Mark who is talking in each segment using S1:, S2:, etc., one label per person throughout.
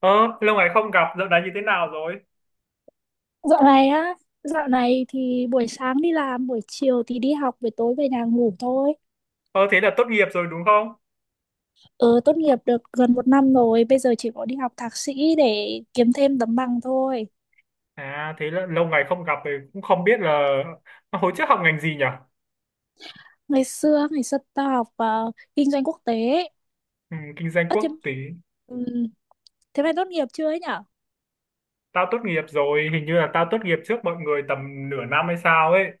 S1: Ờ, lâu ngày không gặp, dạo này như thế nào rồi?
S2: Dạo này á, dạo này thì buổi sáng đi làm, buổi chiều thì đi học, về tối về nhà ngủ thôi.
S1: Ờ, Thế là tốt nghiệp rồi đúng không?
S2: Ờ, tốt nghiệp được gần một năm rồi, bây giờ chỉ có đi học thạc sĩ để kiếm thêm tấm bằng thôi.
S1: À, thế là lâu ngày không gặp thì cũng không biết là hồi trước học ngành gì nhỉ?
S2: Ngày xưa tao học kinh doanh quốc tế.
S1: Ừ, kinh doanh
S2: Ơ
S1: quốc tế.
S2: ừm, thế mày tốt nghiệp chưa ấy nhở?
S1: Tao tốt nghiệp rồi, hình như là tao tốt nghiệp trước mọi người tầm nửa năm hay sao ấy.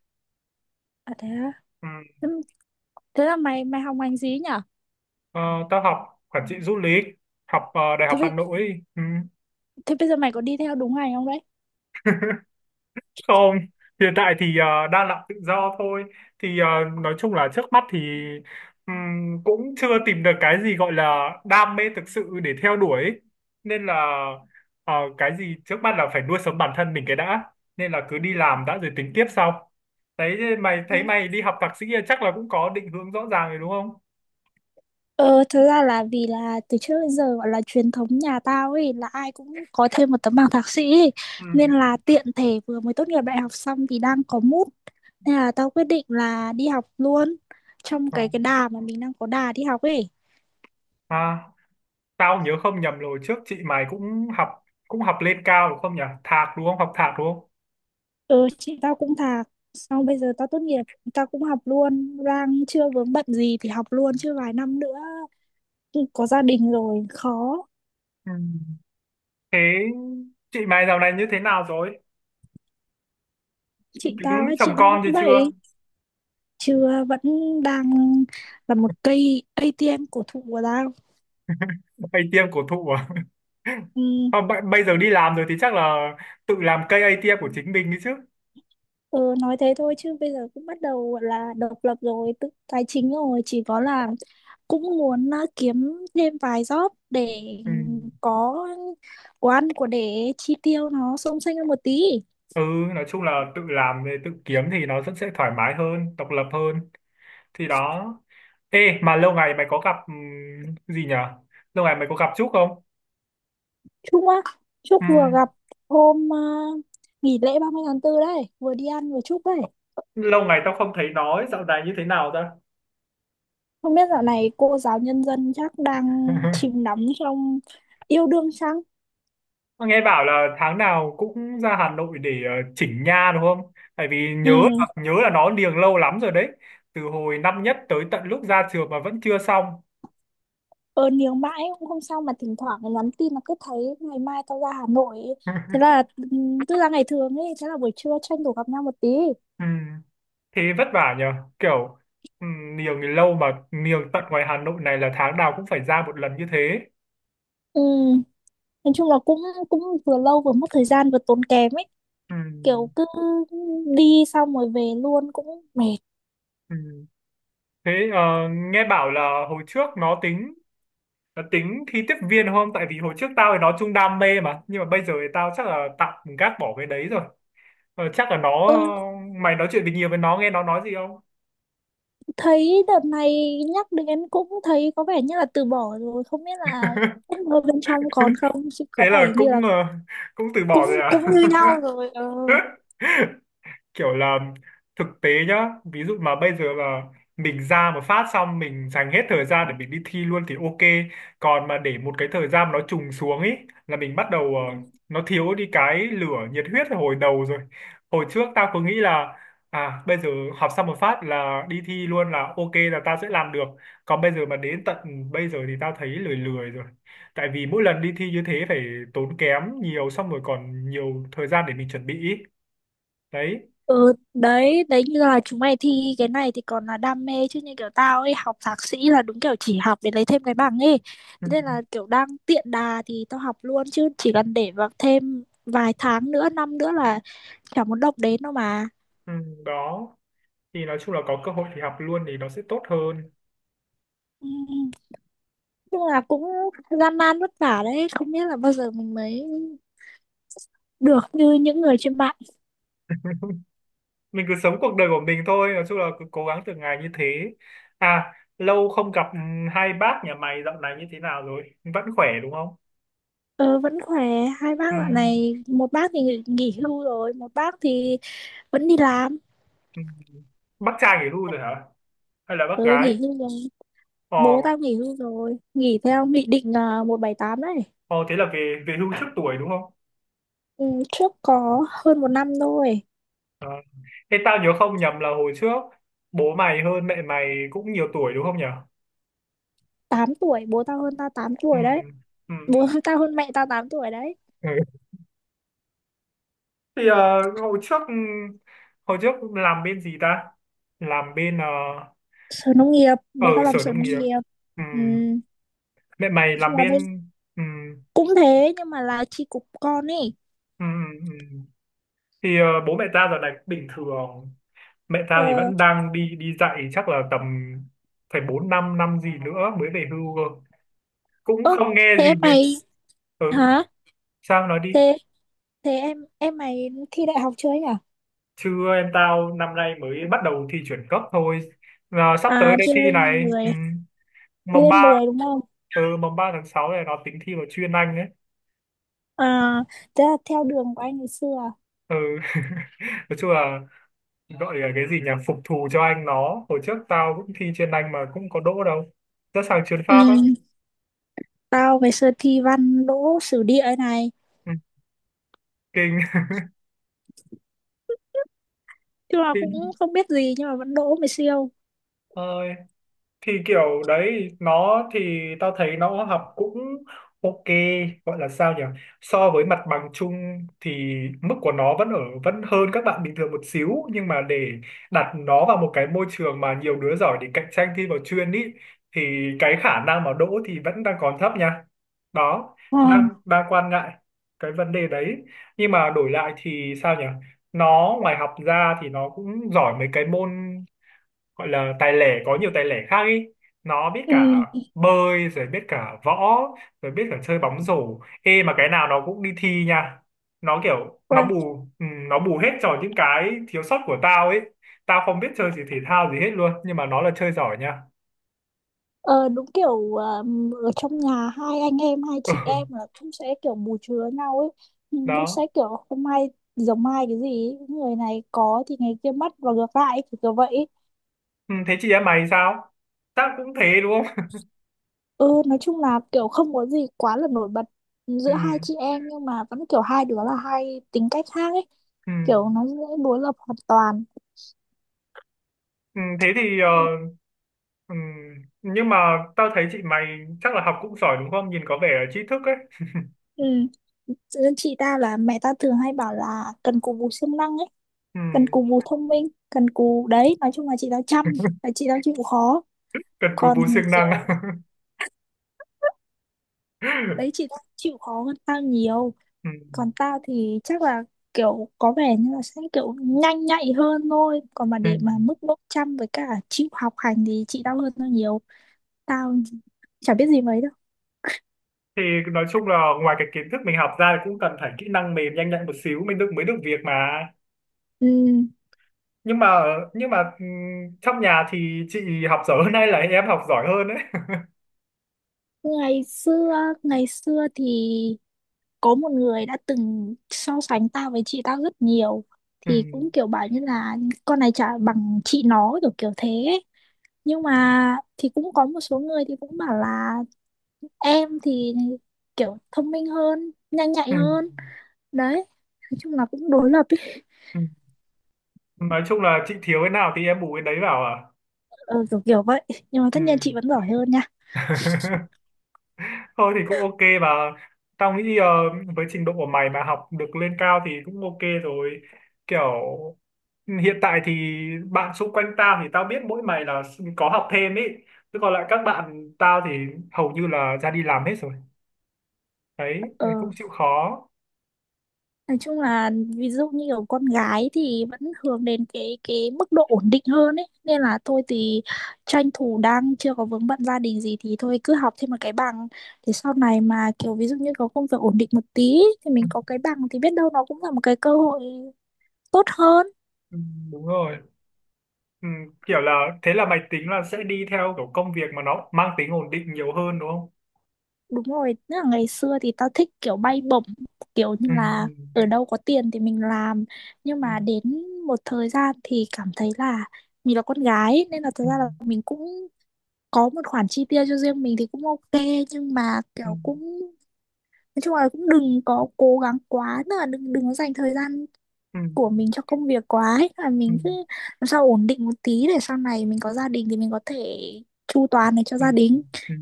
S2: À thế á,
S1: Ừ,
S2: thế, thế là mày mày học ngành gì ấy nhở?
S1: ờ, tao học quản trị du lịch, học Đại
S2: Thế,
S1: học Hà
S2: bây-
S1: Nội. Ừ.
S2: Thế bây giờ mày có đi theo đúng ngành không đấy?
S1: Không, hiện tại thì đang làm tự do thôi. Thì nói chung là trước mắt thì cũng chưa tìm được cái gì gọi là đam mê thực sự để theo đuổi ấy. Nên là cái gì trước mắt là phải nuôi sống bản thân mình cái đã. Nên là cứ đi làm đã rồi tính tiếp sau. Đấy, thế mày
S2: Ừ.
S1: thấy mày đi học thạc sĩ chắc là cũng có định hướng rõ ràng rồi đúng không?
S2: Ờ, thực ra là vì là từ trước đến giờ gọi là truyền thống nhà tao ấy là ai cũng có thêm một tấm bằng thạc sĩ ấy.
S1: Ừ.
S2: Nên là tiện thể vừa mới tốt nghiệp đại học xong thì đang có mút, nên là tao quyết định là đi học luôn trong
S1: Ờ.
S2: cái đà mà mình đang có đà đi học ấy.
S1: À, tao nhớ không nhầm rồi trước chị mày cũng học lên cao đúng không nhỉ? Thạc đúng không? Học thạc đúng không?
S2: Ừ, chị tao cũng thạc, xong bây giờ tao tốt nghiệp, tao cũng học luôn, đang chưa vướng bận gì thì học luôn chứ vài năm nữa có gia đình rồi khó.
S1: Ừ. Thế chị mày dạo này như thế nào rồi?
S2: Chị tao
S1: Tính
S2: ấy,
S1: chồng
S2: chị đang
S1: con
S2: vẫn
S1: thì chưa?
S2: vậy, chưa, vẫn đang là một cây ATM cổ thụ của tao.
S1: Hay ATM cổ thụ à?
S2: Ừ,
S1: Không, bây bây giờ đi làm rồi thì chắc là tự làm cây ATM của chính mình đi chứ.
S2: ừ, nói thế thôi chứ bây giờ cũng bắt đầu gọi là độc lập rồi, tự tài chính rồi, chỉ có là cũng muốn kiếm thêm vài job để
S1: Ừ.
S2: có của ăn của để chi tiêu nó xông xênh hơn một tí.
S1: Ừ, nói chung là tự làm tự kiếm thì nó rất sẽ thoải mái hơn, độc lập hơn. Thì đó. Ê, mà lâu ngày mày có gặp gì nhở? Lâu ngày mày có gặp Trúc không?
S2: Chúc á, chúc vừa
S1: Ừm,
S2: gặp hôm nghỉ lễ ba mươi tháng 4 đấy, vừa đi ăn vừa chúc đấy.
S1: Lâu ngày tao không thấy nói, dạo này như thế nào ta?
S2: Không biết dạo này cô giáo nhân dân chắc đang chìm đắm trong yêu đương chăng.
S1: Mà nghe bảo là tháng nào cũng ra Hà Nội để chỉnh nha đúng không? Tại vì
S2: Ừ,
S1: nhớ là nó niềng lâu lắm rồi đấy. Từ hồi năm nhất tới tận lúc ra trường mà vẫn chưa xong.
S2: ờ nếu mãi cũng không sao, mà thỉnh thoảng nhắn tin là cứ thấy ngày mai tao ra Hà Nội. Thế là cứ ra ngày thường ấy, thế là buổi trưa tranh thủ gặp nhau một tí.
S1: Ừ, thế vất vả nhờ. Kiểu ừ, niềng thì lâu mà niềng tận ngoài Hà Nội này là tháng nào cũng phải ra một lần như thế.
S2: Ừ, nói chung là cũng cũng vừa lâu vừa mất thời gian vừa tốn kém ấy,
S1: Ừ,
S2: kiểu cứ đi xong rồi về luôn cũng mệt.
S1: ừ. Thế nghe bảo là hồi trước nó tính thi tiếp viên không? Tại vì hồi trước tao thì nó chung đam mê mà. Nhưng mà bây giờ thì tao chắc là tạm gác bỏ cái đấy rồi. Chắc là nó
S2: ờ,
S1: mày nói chuyện tình nhiều với nó nghe nó nói gì không?
S2: Thấy đợt này nhắc đến cũng thấy có vẻ như là từ bỏ rồi, không biết là ở bên trong còn không, chứ có
S1: Thế là
S2: vẻ như
S1: cũng
S2: là
S1: cũng từ bỏ
S2: cũng
S1: rồi
S2: cũng như nhau rồi. Ờ.
S1: à? Kiểu là thực tế nhá, ví dụ mà bây giờ mà mình ra một phát xong mình dành hết thời gian để mình đi thi luôn thì ok. Còn mà để một cái thời gian mà nó trùng xuống ấy, là mình bắt đầu nó thiếu đi cái lửa nhiệt huyết ở hồi đầu rồi. Hồi trước tao cứ nghĩ là à bây giờ học xong một phát là đi thi luôn là ok là tao sẽ làm được, còn bây giờ mà đến tận bây giờ thì tao thấy lười lười rồi. Tại vì mỗi lần đi thi như thế phải tốn kém nhiều, xong rồi còn nhiều thời gian để mình chuẩn bị ý. Đấy.
S2: Ừ, đấy, đấy như là chúng mày thi cái này thì còn là đam mê chứ như kiểu tao ấy học thạc sĩ là đúng kiểu chỉ học để lấy thêm cái bằng ấy. Thế nên là kiểu đang tiện đà thì tao học luôn chứ chỉ cần để vào thêm vài tháng nữa, năm nữa là chả muốn động đến đâu mà.
S1: Ừ, đó thì nói chung là có cơ hội thì học luôn thì nó sẽ tốt hơn.
S2: Ừ, nhưng là cũng gian nan vất vả đấy, không biết là bao giờ mình mới được như những người trên mạng.
S1: Mình cứ sống cuộc đời của mình thôi, nói chung là cứ cố gắng từng ngày như thế. À, lâu không gặp, hai bác nhà mày dạo này như thế nào rồi, vẫn khỏe đúng không?
S2: Ờ, vẫn khỏe, hai bác
S1: Ừ,
S2: dạo này, một bác thì nghỉ nghỉ hưu rồi, một bác thì vẫn đi làm.
S1: ừ. Bác trai nghỉ hưu rồi hả, hay là bác
S2: Ừ,
S1: gái?
S2: nghỉ hưu rồi.
S1: Ờ.
S2: Bố tao nghỉ hưu rồi, nghỉ theo nghị định 178 đấy.
S1: Ờ thế là về về hưu trước tuổi đúng không?
S2: Ừ, trước có hơn một năm thôi.
S1: Ờ. Thế tao nhớ không nhầm là hồi trước bố mày hơn mẹ mày cũng nhiều tuổi đúng không nhỉ?
S2: Tám tuổi, bố tao hơn tao tám
S1: Ừ,
S2: tuổi đấy.
S1: ừ,
S2: Bố tao hơn mẹ tao 8 tuổi đấy.
S1: ừ. Thì hồi trước làm bên gì ta, làm bên
S2: Sở nông nghiệp,
S1: ở
S2: bố tao làm
S1: sở
S2: sở
S1: nông
S2: nông
S1: nghiệp.
S2: nghiệp. Ừ.
S1: Ừm.
S2: Nói
S1: Mẹ mày làm
S2: chung là bây
S1: bên, ừm,
S2: cũng thế nhưng mà là chi cục con ấy.
S1: ừm. Thì bố mẹ tao giờ này cũng bình thường. Mẹ tao thì
S2: Ờ.
S1: vẫn đang đi đi dạy, chắc là tầm phải bốn năm năm gì nữa mới về hưu cơ. Cũng
S2: ơ
S1: không nghe
S2: thế
S1: gì
S2: em
S1: về.
S2: mày,
S1: Ừ,
S2: hả?
S1: sao nói đi?
S2: Thế thế em mày thi đại học chưa ấy nhỉ?
S1: Chưa, em tao năm nay mới bắt đầu thi chuyển cấp thôi. Ờ, sắp tới
S2: À,
S1: đây
S2: thi
S1: thi
S2: lên
S1: này.
S2: 10, thi
S1: Mồng
S2: lên
S1: ba.
S2: 10 đúng không?
S1: Ừ, 3/6 này nó tính thi vào chuyên Anh ấy.
S2: À, thế là theo đường của anh ngày xưa à?
S1: Ừ. Nói chung là, gọi là cái gì nhỉ, phục thù cho anh nó. Hồi trước tao cũng thi chuyên Anh mà cũng có đỗ đâu, rất sang chuyên Pháp á.
S2: Ừ. Tao ngày xưa thi văn đỗ sử địa ấy này.
S1: Ừ. Kinh.
S2: Chứ là cũng không biết gì nhưng mà vẫn đỗ, mày siêu.
S1: Ơi. Thì kiểu đấy, nó thì tao thấy nó học cũng ok, gọi là sao nhỉ, so với mặt bằng chung thì mức của nó vẫn ở vẫn hơn các bạn bình thường một xíu, nhưng mà để đặt nó vào một cái môi trường mà nhiều đứa giỏi để cạnh tranh thi vào chuyên ý thì cái khả năng mà đỗ thì vẫn đang còn thấp nha. Đó.
S2: Ờ,
S1: Đang Đang quan ngại cái vấn đề đấy. Nhưng mà đổi lại thì sao nhỉ, nó ngoài học ra thì nó cũng giỏi mấy cái môn gọi là tài lẻ, có nhiều tài lẻ khác ý. Nó biết
S2: ừ.
S1: cả bơi, rồi biết cả võ, rồi biết cả chơi bóng rổ. Ê mà cái nào nó cũng đi thi nha. Nó kiểu nó
S2: Rồi.
S1: nó bù hết cho những cái thiếu sót của tao ấy. Tao không biết chơi gì, thể thao gì hết luôn, nhưng mà nó là chơi giỏi nha.
S2: Ờ, đúng kiểu ở trong nhà hai anh em, hai chị em
S1: Ừ,
S2: là cũng sẽ kiểu bù chứa nhau ấy. Nhưng cũng sẽ
S1: đó.
S2: kiểu hôm nay giống mai cái gì ấy. Người này có thì ngày kia mất và ngược lại ấy, kiểu kiểu vậy ấy.
S1: Ừ, thế chị em mày sao, tao cũng thế đúng không?
S2: Ừ, nói chung là kiểu không có gì quá là nổi bật
S1: Ừ,
S2: giữa hai chị em, nhưng mà vẫn kiểu hai đứa là hai tính cách khác ấy,
S1: ừ,
S2: kiểu nó sẽ đối lập hoàn toàn.
S1: ừ, thế thì
S2: Ừ.
S1: ừ, nhưng mà tao thấy chị mày chắc là học cũng giỏi đúng không, nhìn có vẻ là trí thức ấy.
S2: Ừ. Chị ta là mẹ ta thường hay bảo là cần cù bù siêng năng ấy,
S1: Ừ.
S2: cần cù bù thông minh, cần cù đấy, nói chung là chị ta chăm, là chị ta chịu khó.
S1: Cần cù
S2: Còn
S1: bù siêng năng.
S2: kiểu đấy, chị ta chịu khó hơn tao nhiều.
S1: Ừ.
S2: Còn tao thì chắc là kiểu có vẻ như là sẽ kiểu nhanh nhạy hơn thôi. Còn mà
S1: Ừ.
S2: để mà mức độ chăm với cả chịu học hành thì chị tao hơn tao nhiều. Tao chả biết gì mấy đâu.
S1: Thì nói chung là ngoài cái kiến thức mình học ra thì cũng cần phải kỹ năng mềm nhanh nhạy một xíu mình được mới được việc mà.
S2: Ừ.
S1: nhưng mà nhưng mà ừ, trong nhà thì chị học giỏi hơn hay là em học giỏi hơn đấy?
S2: Ngày xưa, ngày xưa thì có một người đã từng so sánh tao với chị tao rất nhiều,
S1: Ừ.
S2: thì cũng kiểu bảo như là con này chả bằng chị nó, kiểu kiểu thế ấy. Nhưng mà thì cũng có một số người thì cũng bảo là em thì kiểu thông minh hơn, nhanh nhạy
S1: Ừ.
S2: hơn đấy, nói chung là cũng đối lập ấy.
S1: Ừ. Nói chung là chị thiếu cái nào thì em bù cái đấy vào à?
S2: Ờ, kiểu kiểu vậy, nhưng mà
S1: Ừ.
S2: tất nhiên chị vẫn giỏi hơn nha.
S1: Thôi thì cũng ok bà, tao nghĩ với trình độ của mày mà học được lên cao thì cũng ok rồi. Kiểu hiện tại thì bạn xung quanh tao thì tao biết mỗi mày là có học thêm ý, chứ còn lại các bạn tao thì hầu như là ra đi làm hết rồi. Đấy
S2: Ờ.
S1: thì cũng chịu khó.
S2: Nói chung là ví dụ như kiểu con gái thì vẫn hướng đến cái mức độ ổn định hơn ấy, nên là thôi thì tranh thủ đang chưa có vướng bận gia đình gì thì thôi cứ học thêm một cái bằng, để sau này mà kiểu ví dụ như có công việc ổn định một tí ấy, thì mình có cái bằng thì biết đâu nó cũng là một cái cơ hội tốt hơn.
S1: Ừ, đúng rồi. ừ, Kiểu là thế là mày tính là sẽ đi theo kiểu công việc mà nó mang tính ổn định nhiều hơn đúng không?
S2: Đúng rồi, tức là ngày xưa thì tao thích kiểu bay bổng, kiểu như
S1: Ừ,
S2: là ở đâu có tiền thì mình làm, nhưng
S1: ừ,
S2: mà đến một thời gian thì cảm thấy là mình là con gái ấy, nên là thật
S1: ừ,
S2: ra là mình cũng có một khoản chi tiêu cho riêng mình thì cũng ok, nhưng mà
S1: ừ,
S2: kiểu cũng nói chung là cũng đừng có cố gắng quá, tức là đừng đừng có dành thời gian
S1: ừ,
S2: của
S1: ừ,
S2: mình cho công việc quá ấy, là
S1: ừ,
S2: mình cứ làm sao ổn định một tí để sau này mình có gia đình thì mình có thể chu toàn này cho
S1: ừ,
S2: gia đình.
S1: ừ.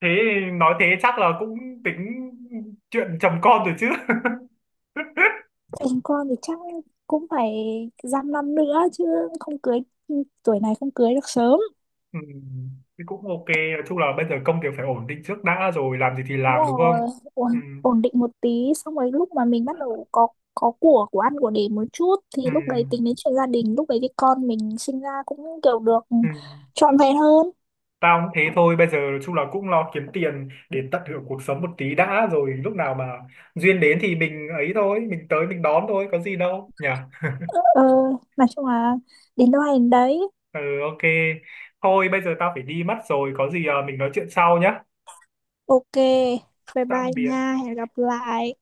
S1: Thế nói thế chắc là cũng tính chuyện chồng con rồi chứ?
S2: Chồng con thì chắc cũng phải dăm năm nữa chứ không cưới. Ừ, tuổi này không cưới được sớm.
S1: Ừ, thì cũng ok, nói chung là bây giờ công việc phải ổn định trước đã rồi làm gì thì
S2: Đúng
S1: làm đúng
S2: rồi,
S1: không? Ừ,
S2: ổn định một tí, xong rồi lúc mà mình bắt đầu có của ăn của để một chút thì
S1: ừ,
S2: lúc đấy tính đến chuyện gia đình, lúc đấy thì con mình sinh ra cũng kiểu được
S1: ừ.
S2: trọn vẹn hơn.
S1: Tao cũng thế thôi, bây giờ nói chung là cũng lo kiếm tiền để tận hưởng cuộc sống một tí đã, rồi lúc nào mà duyên đến thì mình ấy thôi, mình tới mình đón thôi, có gì đâu nhỉ.
S2: Ờ, nói chung là đến đâu hay đến đấy.
S1: Ừ ok, thôi bây giờ tao phải đi mất rồi, có gì à, mình nói chuyện sau nhá.
S2: Ok, bye bye
S1: Tạm biệt.
S2: nha, hẹn gặp lại.